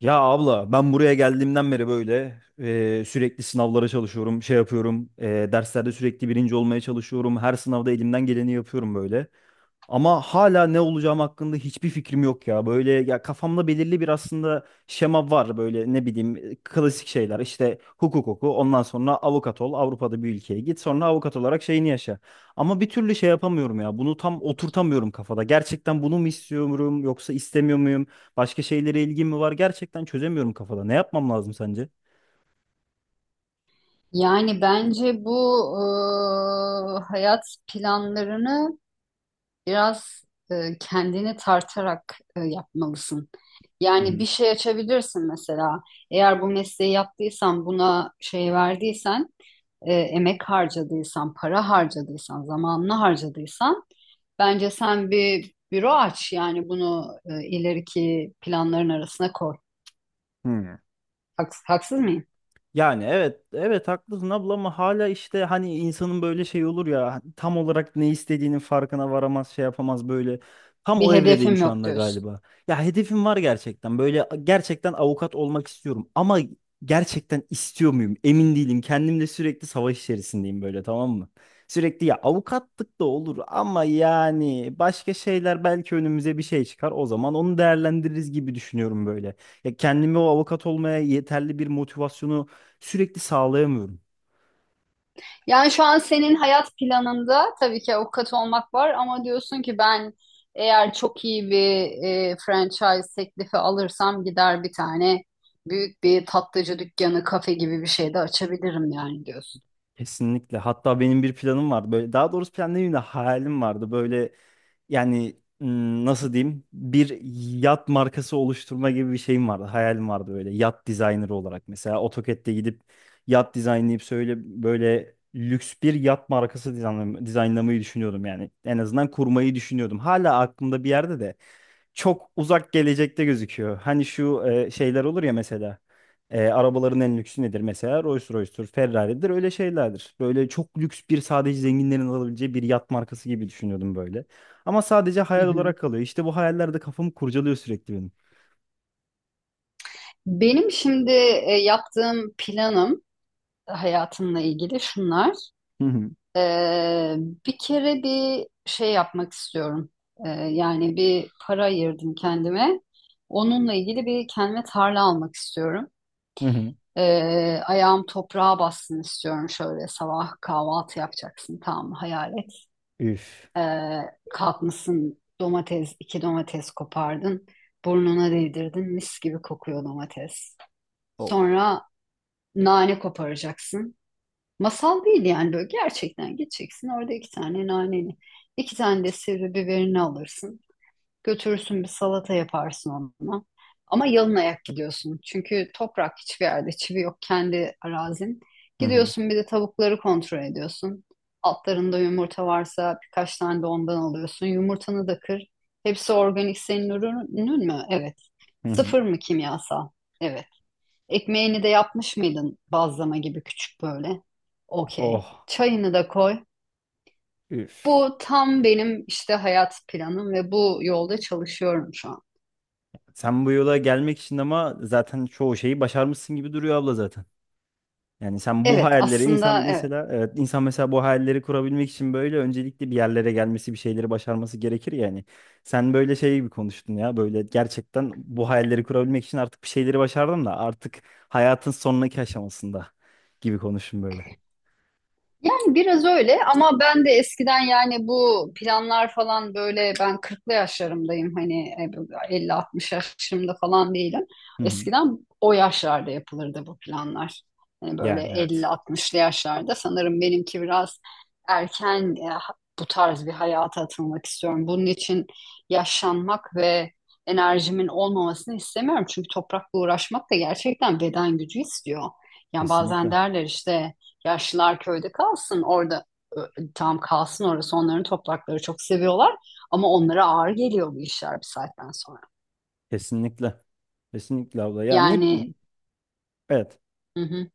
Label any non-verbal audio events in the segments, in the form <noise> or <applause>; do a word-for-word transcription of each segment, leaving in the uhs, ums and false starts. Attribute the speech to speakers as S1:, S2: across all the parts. S1: Ya abla, ben buraya geldiğimden beri böyle e, sürekli sınavlara çalışıyorum, şey yapıyorum, e, derslerde sürekli birinci olmaya çalışıyorum. Her sınavda elimden geleni yapıyorum böyle. Ama hala ne olacağım hakkında hiçbir fikrim yok ya. Böyle ya, kafamda belirli bir aslında şema var böyle, ne bileyim, e, klasik şeyler. İşte hukuk oku, ondan sonra avukat ol, Avrupa'da bir ülkeye git, sonra avukat olarak şeyini yaşa. Ama bir türlü şey yapamıyorum ya. Bunu tam oturtamıyorum kafada. Gerçekten bunu mu istiyorum, yoksa istemiyor muyum? Başka şeylere ilgim mi var? Gerçekten çözemiyorum kafada. Ne yapmam lazım sence?
S2: Yani bence bu e, hayat planlarını biraz e, kendini tartarak e, yapmalısın.
S1: Hı
S2: Yani
S1: hı.
S2: bir şey açabilirsin mesela. Eğer bu mesleği yaptıysan, buna şey verdiysen, e, emek harcadıysan, para harcadıysan, zamanını harcadıysan, bence sen bir büro aç. Yani bunu e, ileriki planların arasına koy.
S1: Hı.
S2: Haks- haksız mıyım?
S1: Yani evet evet, haklısın abla, ama hala işte hani insanın böyle şey olur ya, hani tam olarak ne istediğinin farkına varamaz, şey yapamaz böyle. Tam
S2: Bir
S1: o evredeyim
S2: hedefim
S1: şu
S2: yok
S1: anda
S2: diyorsun.
S1: galiba. Ya hedefim var, gerçekten böyle, gerçekten avukat olmak istiyorum ama gerçekten istiyor muyum emin değilim, kendimle sürekli savaş içerisindeyim böyle, tamam mı? Sürekli ya, avukatlık da olur ama yani başka şeyler belki önümüze bir şey çıkar, o zaman onu değerlendiririz gibi düşünüyorum böyle. Ya kendimi o avukat olmaya yeterli bir motivasyonu sürekli sağlayamıyorum.
S2: Yani şu an senin hayat planında tabii ki avukat olmak var ama diyorsun ki ben eğer çok iyi bir e, franchise teklifi alırsam gider bir tane büyük bir tatlıcı dükkanı, kafe gibi bir şey de açabilirim yani diyorsun.
S1: Kesinlikle. Hatta benim bir planım vardı. Böyle, daha doğrusu plan demeyeyim de hayalim vardı. Böyle yani, m, nasıl diyeyim? Bir yat markası oluşturma gibi bir şeyim vardı. Hayalim vardı böyle, yat dizaynerı olarak. Mesela AutoCAD'de gidip yat dizaynlayıp söyle, böyle lüks bir yat markası dizaynlam- dizaynlamayı düşünüyordum yani. En azından kurmayı düşünüyordum. Hala aklımda bir yerde de. Çok uzak gelecekte gözüküyor. Hani şu e, şeyler olur ya mesela. E, arabaların en lüksü nedir mesela? Rolls Royce'tur, Ferrari'dir, öyle şeylerdir. Böyle çok lüks bir, sadece zenginlerin alabileceği bir yat markası gibi düşünüyordum böyle. Ama sadece
S2: Hı
S1: hayal
S2: hı.
S1: olarak kalıyor. İşte bu hayaller de kafamı kurcalıyor sürekli benim.
S2: Benim şimdi e, yaptığım planım hayatımla ilgili şunlar.
S1: Hı hı.
S2: Ee, bir kere bir şey yapmak istiyorum. Ee, yani bir para ayırdım kendime. Onunla ilgili bir kendime tarla almak istiyorum.
S1: Hı hı.
S2: Ee, ayağım toprağa bassın istiyorum, şöyle sabah kahvaltı yapacaksın, tamam mı? Hayal et.
S1: Üf.
S2: Ee, kalkmışsın, domates, iki domates kopardın, burnuna değdirdin, mis gibi kokuyor domates.
S1: Of.
S2: Sonra nane koparacaksın. Masal değil, yani böyle gerçekten gideceksin, orada iki tane naneni, iki tane de sivri biberini alırsın. Götürürsün, bir salata yaparsın onunla. Ama yalın ayak gidiyorsun. Çünkü toprak hiçbir yerde, çivi yok, kendi arazin.
S1: Hı hı.
S2: Gidiyorsun, bir de tavukları kontrol ediyorsun. Altlarında yumurta varsa birkaç tane de ondan alıyorsun. Yumurtanı da kır. Hepsi organik, senin ürünün mü? Evet.
S1: Hı hı.
S2: Sıfır mı kimyasal? Evet. Ekmeğini de yapmış mıydın, bazlama gibi küçük böyle? Okey.
S1: Oh.
S2: Çayını da koy.
S1: Üf.
S2: Bu tam benim işte hayat planım ve bu yolda çalışıyorum şu an.
S1: Sen bu yola gelmek için ama zaten çoğu şeyi başarmışsın gibi duruyor abla zaten. Yani sen bu
S2: Evet,
S1: hayalleri, insan
S2: aslında evet.
S1: mesela, evet insan mesela bu hayalleri kurabilmek için böyle öncelikle bir yerlere gelmesi, bir şeyleri başarması gerekir yani. Sen böyle şey gibi konuştun ya. Böyle gerçekten bu hayalleri kurabilmek için artık bir şeyleri başardım da artık hayatın sonraki aşamasında gibi konuştun böyle.
S2: Yani biraz öyle ama ben de eskiden, yani bu planlar falan, böyle ben kırklı yaşlarımdayım, hani elli altmış yaşlarımda falan değilim.
S1: Hı hı.
S2: Eskiden o yaşlarda yapılırdı bu planlar. Hani böyle
S1: Yani
S2: elli
S1: evet.
S2: altmışlı yaşlarda. Sanırım benimki biraz erken. E, ha- bu tarz bir hayata atılmak istiyorum. Bunun için yaşlanmak ve enerjimin olmamasını istemiyorum. Çünkü toprakla uğraşmak da gerçekten beden gücü istiyor. Yani bazen
S1: Kesinlikle.
S2: derler işte, yaşlılar köyde kalsın orada, ö, tam kalsın, orası onların toprakları, çok seviyorlar ama onlara ağır geliyor bu işler bir saatten sonra.
S1: Kesinlikle. Kesinlikle abla. Ya ne
S2: Yani.
S1: bileyim. Evet.
S2: Hı hı.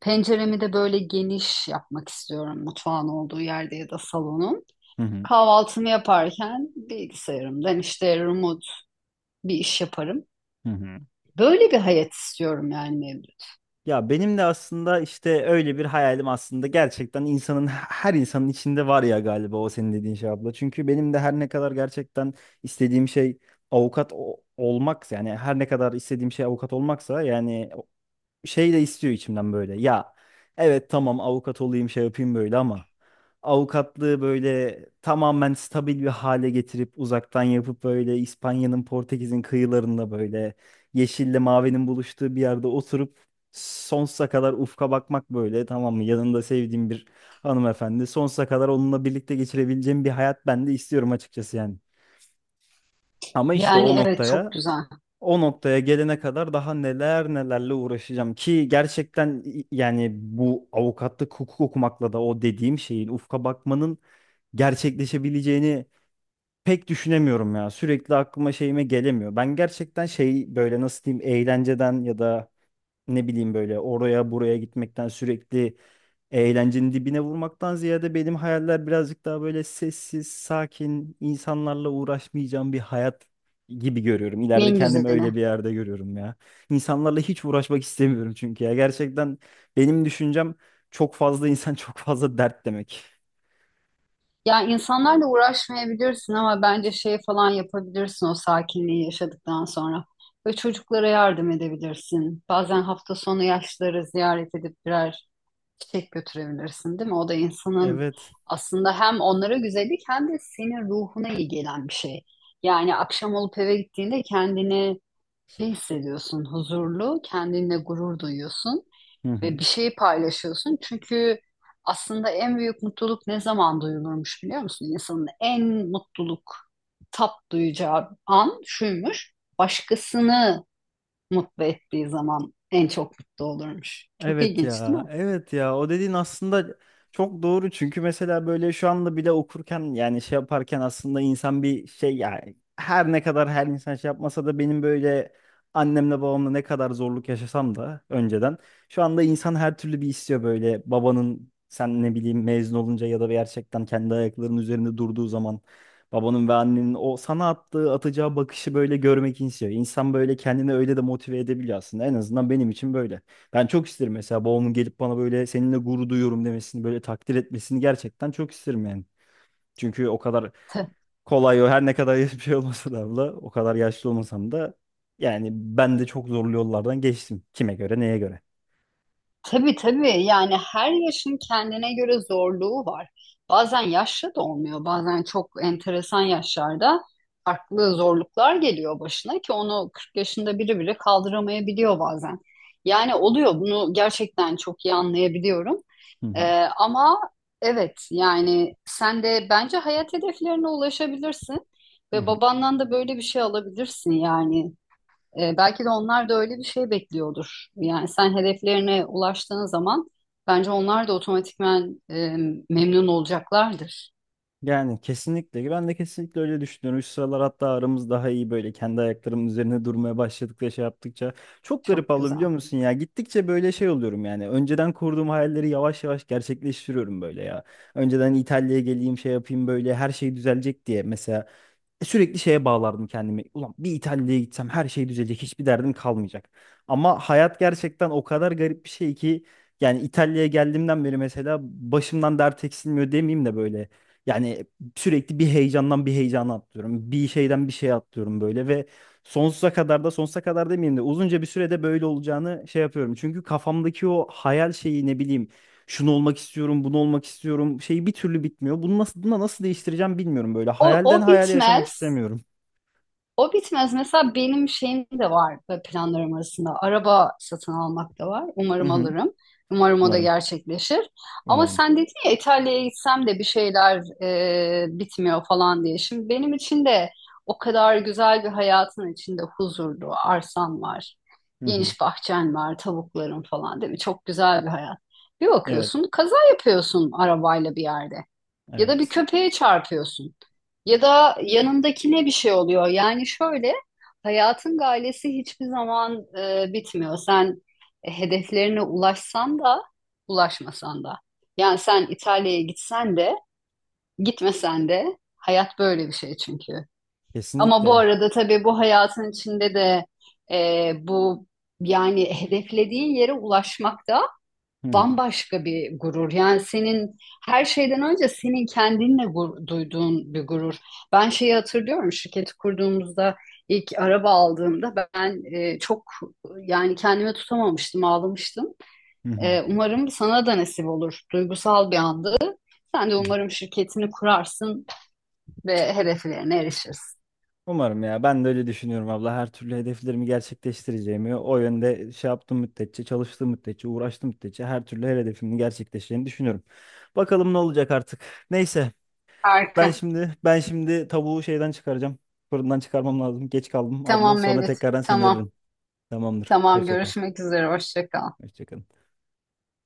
S2: Penceremi de böyle geniş yapmak istiyorum, mutfağın olduğu yerde ya da salonun.
S1: Hı hı.
S2: Kahvaltımı yaparken bilgisayarımdan işte remote bir iş yaparım.
S1: Hı hı.
S2: Böyle bir hayat istiyorum yani Mevlüt.
S1: Ya benim de aslında işte öyle bir hayalim, aslında gerçekten insanın, her insanın içinde var ya galiba o senin dediğin şey abla. Çünkü benim de her ne kadar gerçekten istediğim şey avukat o- olmak, yani her ne kadar istediğim şey avukat olmaksa yani şey de istiyor içimden böyle. Ya evet tamam, avukat olayım şey yapayım böyle ama avukatlığı böyle tamamen stabil bir hale getirip uzaktan yapıp böyle İspanya'nın, Portekiz'in kıyılarında böyle yeşille mavinin buluştuğu bir yerde oturup sonsuza kadar ufka bakmak böyle, tamam mı? Yanında sevdiğim bir hanımefendi, sonsuza kadar onunla birlikte geçirebileceğim bir hayat ben de istiyorum açıkçası yani. Ama işte o
S2: Yani evet, çok
S1: noktaya,
S2: güzel.
S1: o noktaya gelene kadar daha neler nelerle uğraşacağım ki gerçekten, i- yani bu avukatlık hukuk okumakla da o dediğim şeyin, ufka bakmanın gerçekleşebileceğini pek düşünemiyorum ya. Sürekli aklıma şeyime gelemiyor. Ben gerçekten şey, böyle nasıl diyeyim, eğlenceden ya da ne bileyim böyle oraya buraya gitmekten, sürekli eğlencenin dibine vurmaktan ziyade benim hayaller birazcık daha böyle sessiz, sakin, insanlarla uğraşmayacağım bir hayat gibi görüyorum. İleride
S2: En
S1: kendimi öyle
S2: güzeli.
S1: bir yerde görüyorum ya. İnsanlarla hiç uğraşmak istemiyorum çünkü ya. Gerçekten benim düşüncem, çok fazla insan <laughs> çok fazla dert demek.
S2: Ya insanlarla uğraşmayabilirsin ama bence şey falan yapabilirsin, o sakinliği yaşadıktan sonra. Ve çocuklara yardım edebilirsin. Bazen hafta sonu yaşlıları ziyaret edip birer çiçek götürebilirsin, değil mi? O da insanın
S1: Evet.
S2: aslında hem onlara güzellik, hem de senin ruhuna iyi gelen bir şey. Yani akşam olup eve gittiğinde kendini şey hissediyorsun, huzurlu, kendinle gurur duyuyorsun
S1: Hı hı.
S2: ve bir şeyi paylaşıyorsun. Çünkü aslında en büyük mutluluk ne zaman duyulurmuş, biliyor musun? İnsanın en mutluluk tat duyacağı an şuymuş. Başkasını mutlu ettiği zaman en çok mutlu olurmuş. Çok
S1: Evet
S2: ilginç değil
S1: ya,
S2: mi?
S1: evet ya. O dediğin aslında çok doğru. Çünkü mesela böyle şu anda bile okurken, yani şey yaparken, aslında insan bir şey, yani her ne kadar her insan şey yapmasa da benim böyle annemle babamla ne kadar zorluk yaşasam da önceden, şu anda insan her türlü bir istiyor böyle, babanın sen ne bileyim mezun olunca ya da gerçekten kendi ayaklarının üzerinde durduğu zaman babanın ve annenin o sana attığı, atacağı bakışı böyle görmek istiyor. İnsan böyle kendini öyle de motive edebiliyor aslında. En azından benim için böyle. Ben çok isterim mesela babamın gelip bana böyle seninle gurur duyuyorum demesini, böyle takdir etmesini, gerçekten çok isterim yani. Çünkü o kadar kolay, o her ne kadar <laughs> bir şey olmasa da abla, o kadar yaşlı olmasam da yani ben de çok zorlu yollardan geçtim. Kime göre, neye göre.
S2: Tabii tabii, yani her yaşın kendine göre zorluğu var. Bazen yaşlı da olmuyor, bazen çok enteresan yaşlarda farklı zorluklar geliyor başına ki onu kırk yaşında biri bile kaldıramayabiliyor bazen. Yani oluyor, bunu gerçekten çok iyi anlayabiliyorum.
S1: Hı
S2: Ee,
S1: hı.
S2: ama evet, yani sen de bence hayat hedeflerine ulaşabilirsin
S1: Hı
S2: ve
S1: hı.
S2: babandan da böyle bir şey alabilirsin yani. E, belki de onlar da öyle bir şey bekliyordur. Yani sen hedeflerine ulaştığın zaman bence onlar da otomatikman e, memnun olacaklardır.
S1: Yani kesinlikle. Ben de kesinlikle öyle düşünüyorum. Şu sıralar hatta aramız daha iyi, böyle kendi ayaklarımın üzerine durmaya başladıkça, şey yaptıkça. Çok garip
S2: Çok
S1: abla, biliyor
S2: güzel.
S1: musun ya? Gittikçe böyle şey oluyorum yani. Önceden kurduğum hayalleri yavaş yavaş gerçekleştiriyorum böyle ya. Önceden, İtalya'ya geleyim şey yapayım böyle her şey düzelecek diye. Mesela e, Sürekli şeye bağlardım kendimi. Ulan bir İtalya'ya gitsem her şey düzelecek, hiçbir derdim kalmayacak. Ama hayat gerçekten o kadar garip bir şey ki yani İtalya'ya geldiğimden beri mesela başımdan dert eksilmiyor demeyeyim de böyle. Yani sürekli bir heyecandan bir heyecana atlıyorum. Bir şeyden bir şeye atlıyorum böyle ve sonsuza kadar da, sonsuza kadar demeyeyim de, uzunca bir sürede böyle olacağını şey yapıyorum. Çünkü kafamdaki o hayal şeyi, ne bileyim, şunu olmak istiyorum, bunu olmak istiyorum şeyi bir türlü bitmiyor. Bunu nasıl, buna nasıl değiştireceğim bilmiyorum böyle.
S2: O,
S1: Hayalden
S2: o
S1: hayale yaşamak
S2: bitmez.
S1: istemiyorum.
S2: O bitmez. Mesela benim şeyim de var ve planlarım arasında. Araba satın almak da var.
S1: Hı
S2: Umarım
S1: hı.
S2: alırım. Umarım o da
S1: Umarım,
S2: gerçekleşir. Ama
S1: umarım.
S2: sen dedin ya, İtalya'ya gitsem de bir şeyler e, bitmiyor falan diye. Şimdi benim için de o kadar güzel bir hayatın içinde, huzurlu, arsan var.
S1: Hı hı.
S2: Geniş bahçen var, tavukların falan, değil mi? Çok güzel bir hayat. Bir
S1: Evet,
S2: bakıyorsun, kaza yapıyorsun arabayla bir yerde. Ya da bir
S1: evet.
S2: köpeğe çarpıyorsun. Ya da yanındakine bir şey oluyor. Yani şöyle, hayatın galesi hiçbir zaman e, bitmiyor. Sen e, hedeflerine ulaşsan da, ulaşmasan da. Yani sen İtalya'ya gitsen de, gitmesen de hayat böyle bir şey çünkü. Ama bu
S1: Kesinlikle.
S2: arada tabii bu hayatın içinde de e, bu yani hedeflediğin yere ulaşmak da
S1: Hı hı.
S2: bambaşka bir gurur. Yani senin her şeyden önce senin kendinle gur- duyduğun bir gurur. Ben şeyi hatırlıyorum, şirketi kurduğumuzda ilk araba aldığımda ben e, çok, yani kendime tutamamıştım, ağlamıştım.
S1: Hı hı.
S2: E, umarım sana da nasip olur. Duygusal bir andı. Sen de
S1: Hı hı.
S2: umarım şirketini kurarsın ve hedeflerine erişirsin.
S1: Umarım ya. Ben de öyle düşünüyorum abla. Her türlü hedeflerimi gerçekleştireceğimi, o yönde şey yaptığım müddetçe, çalıştığım müddetçe, uğraştığım müddetçe her türlü her hedefimi gerçekleşeceğini düşünüyorum. Bakalım ne olacak artık. Neyse. Ben
S2: Harika.
S1: şimdi ben şimdi tavuğu şeyden çıkaracağım. Fırından çıkarmam lazım. Geç kaldım abla.
S2: Tamam
S1: Sonra
S2: Mevlüt.
S1: tekrardan seni
S2: Tamam.
S1: ararım. Tamamdır.
S2: Tamam,
S1: Hoşça kal.
S2: görüşmek üzere. Hoşça kal.
S1: Hoşça kal.